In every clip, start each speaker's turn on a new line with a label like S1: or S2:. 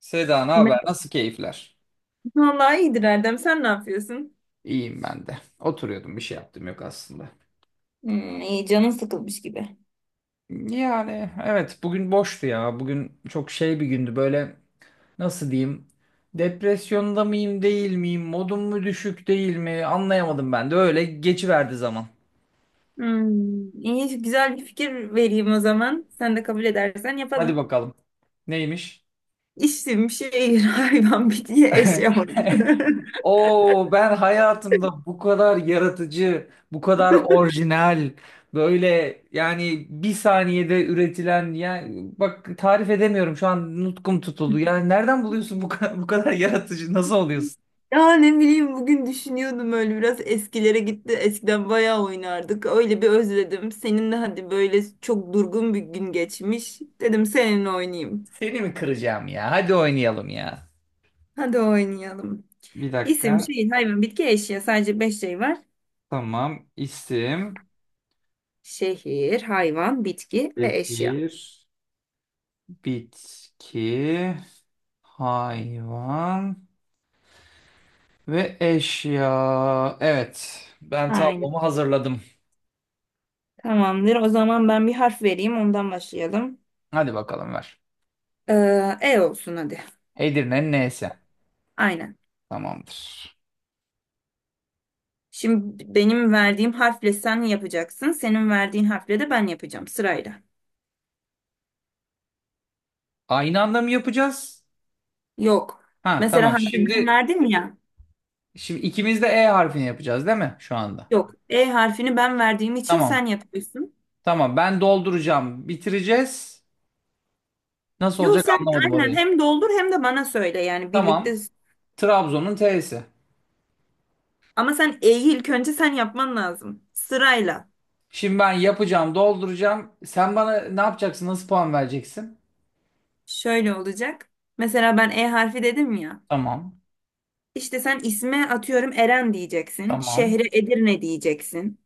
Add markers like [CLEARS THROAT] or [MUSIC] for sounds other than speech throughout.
S1: Seda ne
S2: Ben-
S1: haber? Nasıl keyifler?
S2: Vallahi iyidir Erdem. Sen ne yapıyorsun?
S1: İyiyim ben de. Oturuyordum bir şey yaptım yok aslında.
S2: Hmm, iyi canın sıkılmış gibi.
S1: Yani evet bugün boştu ya. Bugün çok şey bir gündü böyle nasıl diyeyim? Depresyonda mıyım değil miyim? Modum mu düşük değil mi? Anlayamadım ben de öyle geçiverdi zaman.
S2: Hmm, iyi, güzel bir fikir vereyim o zaman. Sen de kabul edersen
S1: Hadi
S2: yapalım.
S1: bakalım. Neymiş?
S2: İsim, şehir, [LAUGHS] hayvan, bitki, eşya. [LAUGHS]
S1: [LAUGHS] Oo ben hayatımda bu kadar yaratıcı, bu kadar orijinal, böyle yani bir saniyede üretilen yani bak tarif edemiyorum şu an nutkum tutuldu. Yani nereden buluyorsun bu kadar, bu kadar yaratıcı nasıl oluyorsun?
S2: Ya ne bileyim, bugün düşünüyordum, öyle biraz eskilere gitti. Eskiden bayağı oynardık. Öyle bir özledim. Senin de hadi böyle çok durgun bir gün geçmiş. Dedim seninle oynayayım.
S1: Seni mi kıracağım ya? Hadi oynayalım ya.
S2: Hadi oynayalım.
S1: Bir
S2: İsim,
S1: dakika.
S2: şehir, hayvan, bitki, eşya. Sadece beş şey var.
S1: Tamam. İsim,
S2: Şehir, hayvan, bitki ve eşya.
S1: şehir, bitki, hayvan ve eşya. Evet, ben
S2: Aynen.
S1: tablomu hazırladım.
S2: Tamamdır. O zaman ben bir harf vereyim. Ondan başlayalım.
S1: Hadi bakalım ver.
S2: Ee, E olsun hadi.
S1: Edirne'nin neyse.
S2: Aynen.
S1: Tamamdır.
S2: Şimdi benim verdiğim harfle sen yapacaksın. Senin verdiğin harfle de ben yapacağım sırayla.
S1: Aynı anda mı yapacağız?
S2: Yok.
S1: Ha
S2: Mesela
S1: tamam.
S2: harfi ben
S1: Şimdi
S2: verdim ya.
S1: ikimiz de E harfini yapacağız değil mi şu anda?
S2: Yok. E harfini ben verdiğim için
S1: Tamam.
S2: sen yapıyorsun.
S1: Tamam. Ben dolduracağım. Bitireceğiz. Nasıl
S2: Yok,
S1: olacak
S2: sen
S1: anlamadım
S2: aynen
S1: orayı.
S2: hem doldur hem de bana söyle, yani
S1: Tamam.
S2: birlikte.
S1: Trabzon'un T'si.
S2: Ama sen E'yi ilk önce yapman lazım. Sırayla.
S1: Şimdi ben yapacağım, dolduracağım. Sen bana ne yapacaksın? Nasıl puan vereceksin?
S2: Şöyle olacak. Mesela ben E harfi dedim ya.
S1: Tamam.
S2: İşte sen isme, atıyorum, Eren diyeceksin.
S1: Tamam.
S2: Şehre Edirne diyeceksin.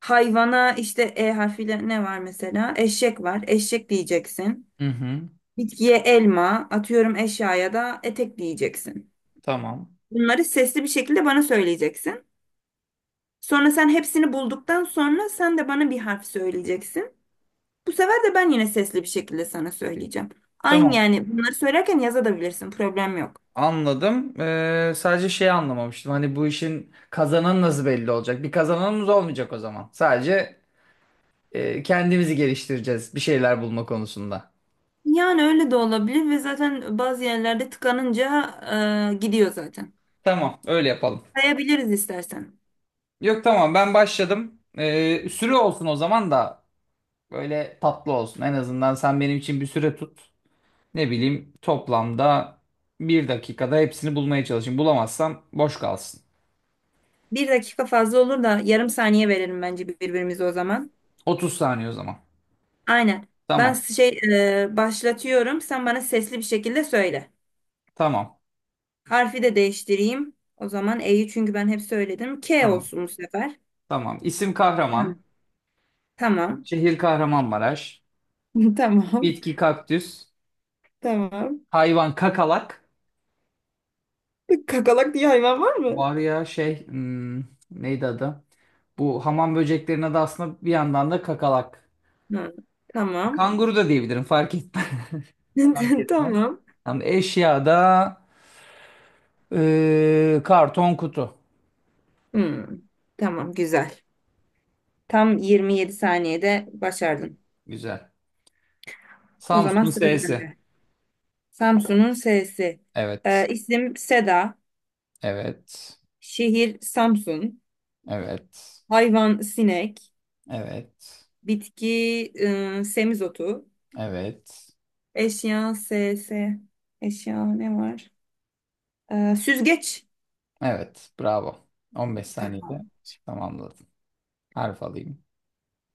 S2: Hayvana işte E harfiyle ne var mesela? Eşek var. Eşek diyeceksin.
S1: Hı hı.
S2: Bitkiye elma, atıyorum eşyaya da etek diyeceksin.
S1: Tamam.
S2: Bunları sesli bir şekilde bana söyleyeceksin. Sonra sen hepsini bulduktan sonra sen de bana bir harf söyleyeceksin. Bu sefer de ben yine sesli bir şekilde sana söyleyeceğim. Aynı,
S1: Tamam.
S2: yani bunları söylerken yazabilirsin. Problem yok.
S1: Anladım. Sadece şey anlamamıştım. Hani bu işin kazananı nasıl belli olacak? Bir kazananımız olmayacak o zaman. Sadece kendimizi geliştireceğiz bir şeyler bulma konusunda.
S2: Yani öyle de olabilir ve zaten bazı yerlerde tıkanınca gidiyor zaten.
S1: Tamam, öyle yapalım.
S2: Sayabiliriz istersen.
S1: Yok tamam ben başladım. Süre olsun o zaman da böyle tatlı olsun. En azından sen benim için bir süre tut. Ne bileyim toplamda bir dakikada hepsini bulmaya çalışayım. Bulamazsam boş kalsın.
S2: Bir dakika fazla olur da yarım saniye verelim bence birbirimize o zaman.
S1: 30 saniye o zaman.
S2: Aynen. Ben
S1: Tamam,
S2: şey e, başlatıyorum. Sen bana sesli bir şekilde söyle.
S1: tamam,
S2: Harfi de değiştireyim. O zaman E'yi, çünkü ben hep söyledim. K
S1: tamam.
S2: olsun bu sefer.
S1: Tamam. İsim kahraman.
S2: Tamam. Tamam.
S1: Şehir Kahramanmaraş.
S2: [LAUGHS] Tamam.
S1: Bitki kaktüs.
S2: Tamam.
S1: Hayvan kakalak.
S2: Kakalak diye hayvan var mı?
S1: Var ya şey neydi adı? Bu hamam böceklerine de aslında bir yandan da kakalak.
S2: Hı, tamam.
S1: Kanguru da diyebilirim fark etmez. [LAUGHS] Fark
S2: [LAUGHS]
S1: etmez.
S2: Tamam.
S1: Yani eşyada karton kutu.
S2: Hmm, tamam. Güzel. Tam 27 saniyede başardın.
S1: Güzel.
S2: O zaman
S1: Samsun'un
S2: sıra
S1: S'si.
S2: bende. Samsun'un S'si.
S1: Evet.
S2: İsim Seda.
S1: Evet.
S2: Şehir Samsun.
S1: Evet.
S2: Hayvan sinek.
S1: Evet.
S2: Bitki semizotu.
S1: Evet.
S2: Eşya S. S. Eşya ne var? Süzgeç.
S1: Evet. Bravo. 15 saniyede
S2: Tamam.
S1: tamamladım. Harf alayım.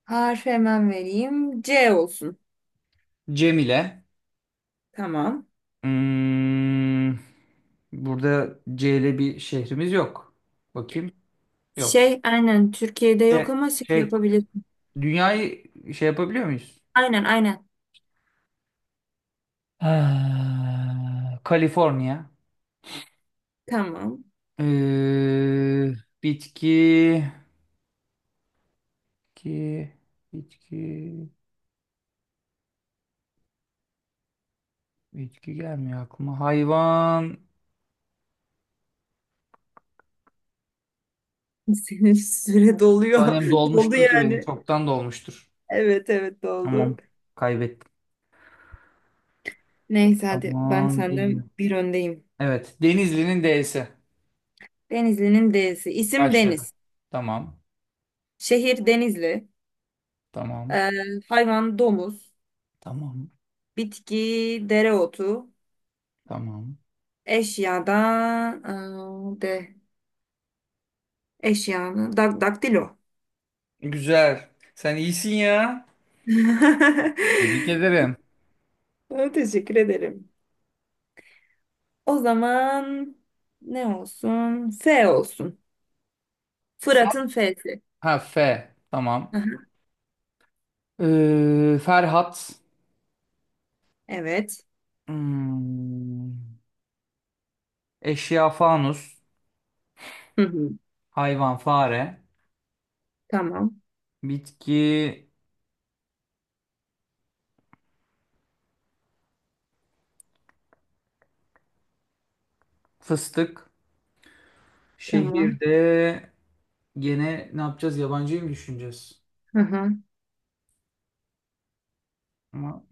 S2: Harf hemen vereyim. C olsun.
S1: Cemile.
S2: Tamam.
S1: Hmm, burada C ile bir şehrimiz yok. Bakayım. Yok.
S2: Şey, aynen, Türkiye'de yok
S1: Şey,
S2: ama şey
S1: şey,
S2: yapabilirsin.
S1: dünyayı şey yapabiliyor muyuz?
S2: Aynen, aynen.
S1: Ah, Kaliforniya.
S2: Tamam.
S1: Ee, bitki, bitki, bitki, bitki gelmiyor aklıma. Hayvan.
S2: [LAUGHS] Senin süre doluyor.
S1: Tanem
S2: [LAUGHS] Doldu
S1: dolmuştur ki benim.
S2: yani.
S1: Çoktan dolmuştur.
S2: Evet, oldu.
S1: Tamam. Kaybettim.
S2: Neyse hadi, ben
S1: Tamam. Geliyor.
S2: senden bir öndeyim.
S1: Evet. Denizli'nin D'si.
S2: Denizli'nin D'si. İsim
S1: Başladı.
S2: Deniz.
S1: Tamam.
S2: Şehir Denizli.
S1: Tamam.
S2: Ee, Hayvan domuz.
S1: Tamam.
S2: Bitki dereotu.
S1: Tamam.
S2: Eşyada de eşyanı dak daktilo.
S1: Güzel. Sen iyisin ya.
S2: [LAUGHS]
S1: Tebrik ederim.
S2: Ha, teşekkür ederim. O zaman ne olsun? F olsun.
S1: Sa-
S2: Fırat'ın F'si.
S1: Ha F. Tamam.
S2: Hı.
S1: Ferhat.
S2: Evet.
S1: Hmm, Eşya fanus.
S2: Hı hı.
S1: Hayvan fare.
S2: Tamam.
S1: Bitki fıstık.
S2: Tamam.
S1: Şehirde gene ne yapacağız? Yabancıyı mı düşüneceğiz?
S2: Hı hı.
S1: Ama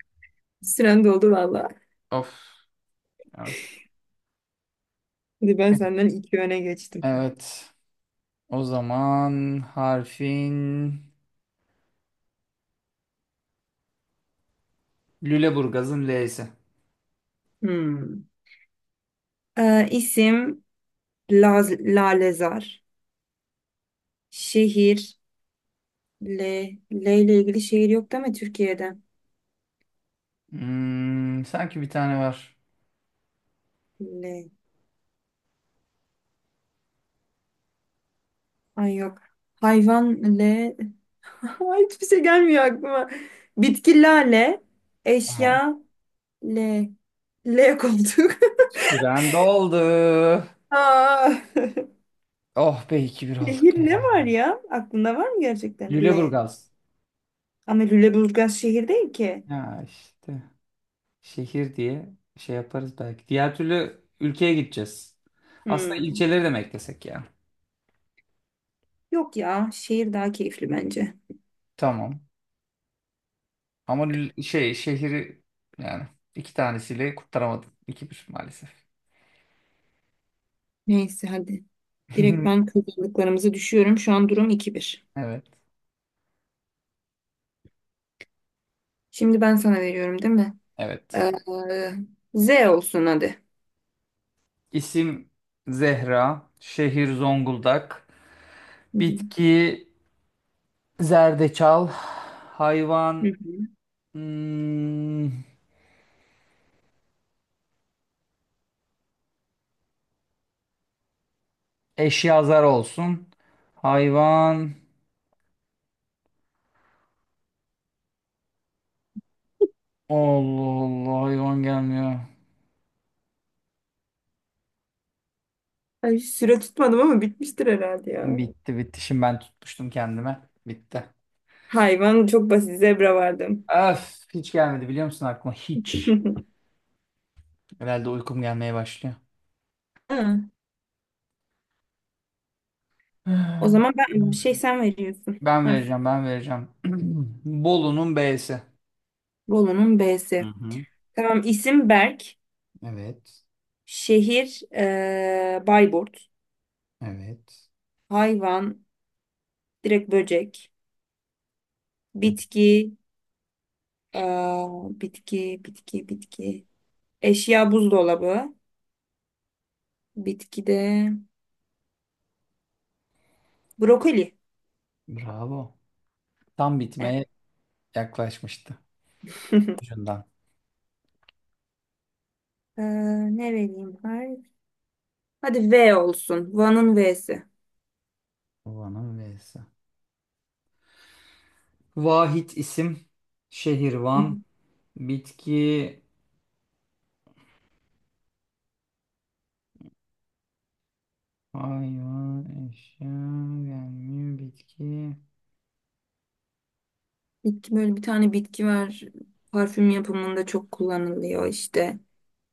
S2: Süren doldu valla.
S1: of. Evet.
S2: Şimdi ben senden iki öne geçtim.
S1: Evet. O zaman harfin Lüleburgaz'ın L'si.
S2: Hmm. İsim Lalezar. Şehir L. L ile ilgili şehir yok değil mi Türkiye'de?
S1: Sanki bir tane var.
S2: L. Ay yok. Hayvan L. [LAUGHS] Ay, hiçbir şey gelmiyor aklıma. Bitki lale.
S1: Tamam.
S2: Eşya L. L, koltuk. [LAUGHS]
S1: Süren doldu.
S2: Aa.
S1: Oh be iki bir
S2: [LAUGHS]
S1: olduk.
S2: Şehir ne var ya? Aklında var mı gerçekten? L.
S1: Lüleburgaz.
S2: Ama Lüleburgaz şehir değil ki.
S1: Ya işte şehir diye şey yaparız belki. Diğer türlü ülkeye gideceğiz. Aslında
S2: Hmm.
S1: ilçeleri de mi eklesek ya?
S2: Yok ya. Şehir daha keyifli bence.
S1: Tamam. Ama şey şehri yani iki tanesiyle kurtaramadım. İki bir maalesef.
S2: Neyse hadi. Direkt ben
S1: [LAUGHS]
S2: kazandıklarımızı düşüyorum. Şu an durum iki bir.
S1: Evet.
S2: Şimdi ben sana veriyorum değil mi?
S1: Evet.
S2: Ee, Z olsun hadi.
S1: İsim Zehra. Şehir Zonguldak.
S2: Hı hı.
S1: Bitki zerdeçal. Hayvan
S2: Hı hı.
S1: hmm, Eşyazar olsun. Hayvan. Allah Allah hayvan gelmiyor.
S2: Ay, süre tutmadım ama bitmiştir herhalde ya.
S1: Bitti bitti. Şimdi ben tutmuştum kendime. Bitti.
S2: Hayvan çok basit. Zebra vardım.
S1: Öf hiç gelmedi biliyor musun aklıma? Hiç.
S2: [LAUGHS]
S1: Herhalde uykum gelmeye başlıyor.
S2: Ha, o
S1: [SIGHS]
S2: zaman ben bir şey
S1: Hmm.
S2: sen veriyorsun.
S1: Ben
S2: Harf.
S1: vereceğim ben vereceğim. [CLEARS THROAT] Bolu'nun B'si.
S2: Bolu'nun
S1: Hı
S2: B'si.
S1: hı.
S2: Tamam, isim Berk.
S1: Evet.
S2: Şehir Bayburt.
S1: Evet.
S2: Hayvan direkt böcek. Bitki eee, bitki. Eşya buzdolabı. Bitkide brokoli.
S1: Bravo. Tam
S2: Evet.
S1: bitmeye yaklaşmıştı. Ucundan.
S2: Ee, Ne vereyim? Hayır. Hadi V olsun. Van'ın V'si.
S1: Van'ın V'si. Vahit isim. Şehir
S2: Hı, hı.
S1: Van. Bitki hayvan, eşya, gelmiyor, bitki.
S2: Bitki, böyle bir tane bitki var. Parfüm yapımında çok kullanılıyor işte.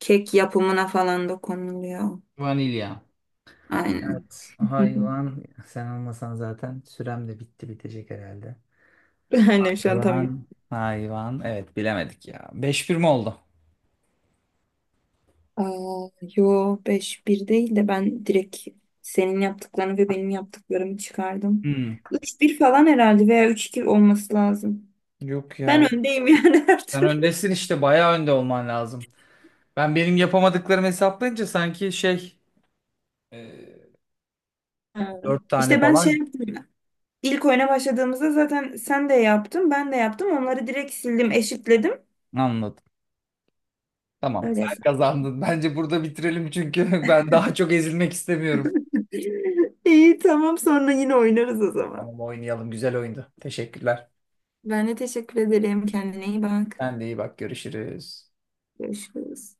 S2: Kek yapımına falan da konuluyor.
S1: Vanilya.
S2: Aynen.
S1: Evet,
S2: [LAUGHS]
S1: hayvan sen olmasan zaten sürem de bitti bitecek herhalde.
S2: Aynen, şu an tam.
S1: Hayvan, hayvan. Evet bilemedik ya. 5-1 mi oldu?
S2: Aa, yo, beş bir değil de ben direkt senin yaptıklarını ve benim yaptıklarımı çıkardım.
S1: Hmm,
S2: 3 bir falan herhalde, veya üç iki olması lazım.
S1: yok ya.
S2: Ben öndeyim yani [LAUGHS] her
S1: Sen
S2: türlü.
S1: öndesin işte bayağı önde olman lazım. Ben benim yapamadıklarımı hesaplayınca sanki şey e,
S2: Ha.
S1: 4 tane
S2: İşte ben şey
S1: falan
S2: yaptım ya. İlk oyuna başladığımızda zaten sen de yaptın, ben de yaptım. Onları direkt sildim, eşitledim.
S1: anladım. Tamam
S2: Öyle.
S1: sen kazandın. Bence burada bitirelim çünkü [LAUGHS] ben daha çok ezilmek istemiyorum.
S2: [LAUGHS] İyi, tamam, sonra yine oynarız o zaman.
S1: Tamam oynayalım. Güzel oyundu. Teşekkürler.
S2: Ben de teşekkür ederim. Kendine iyi bak.
S1: Sen de iyi bak görüşürüz.
S2: Görüşürüz.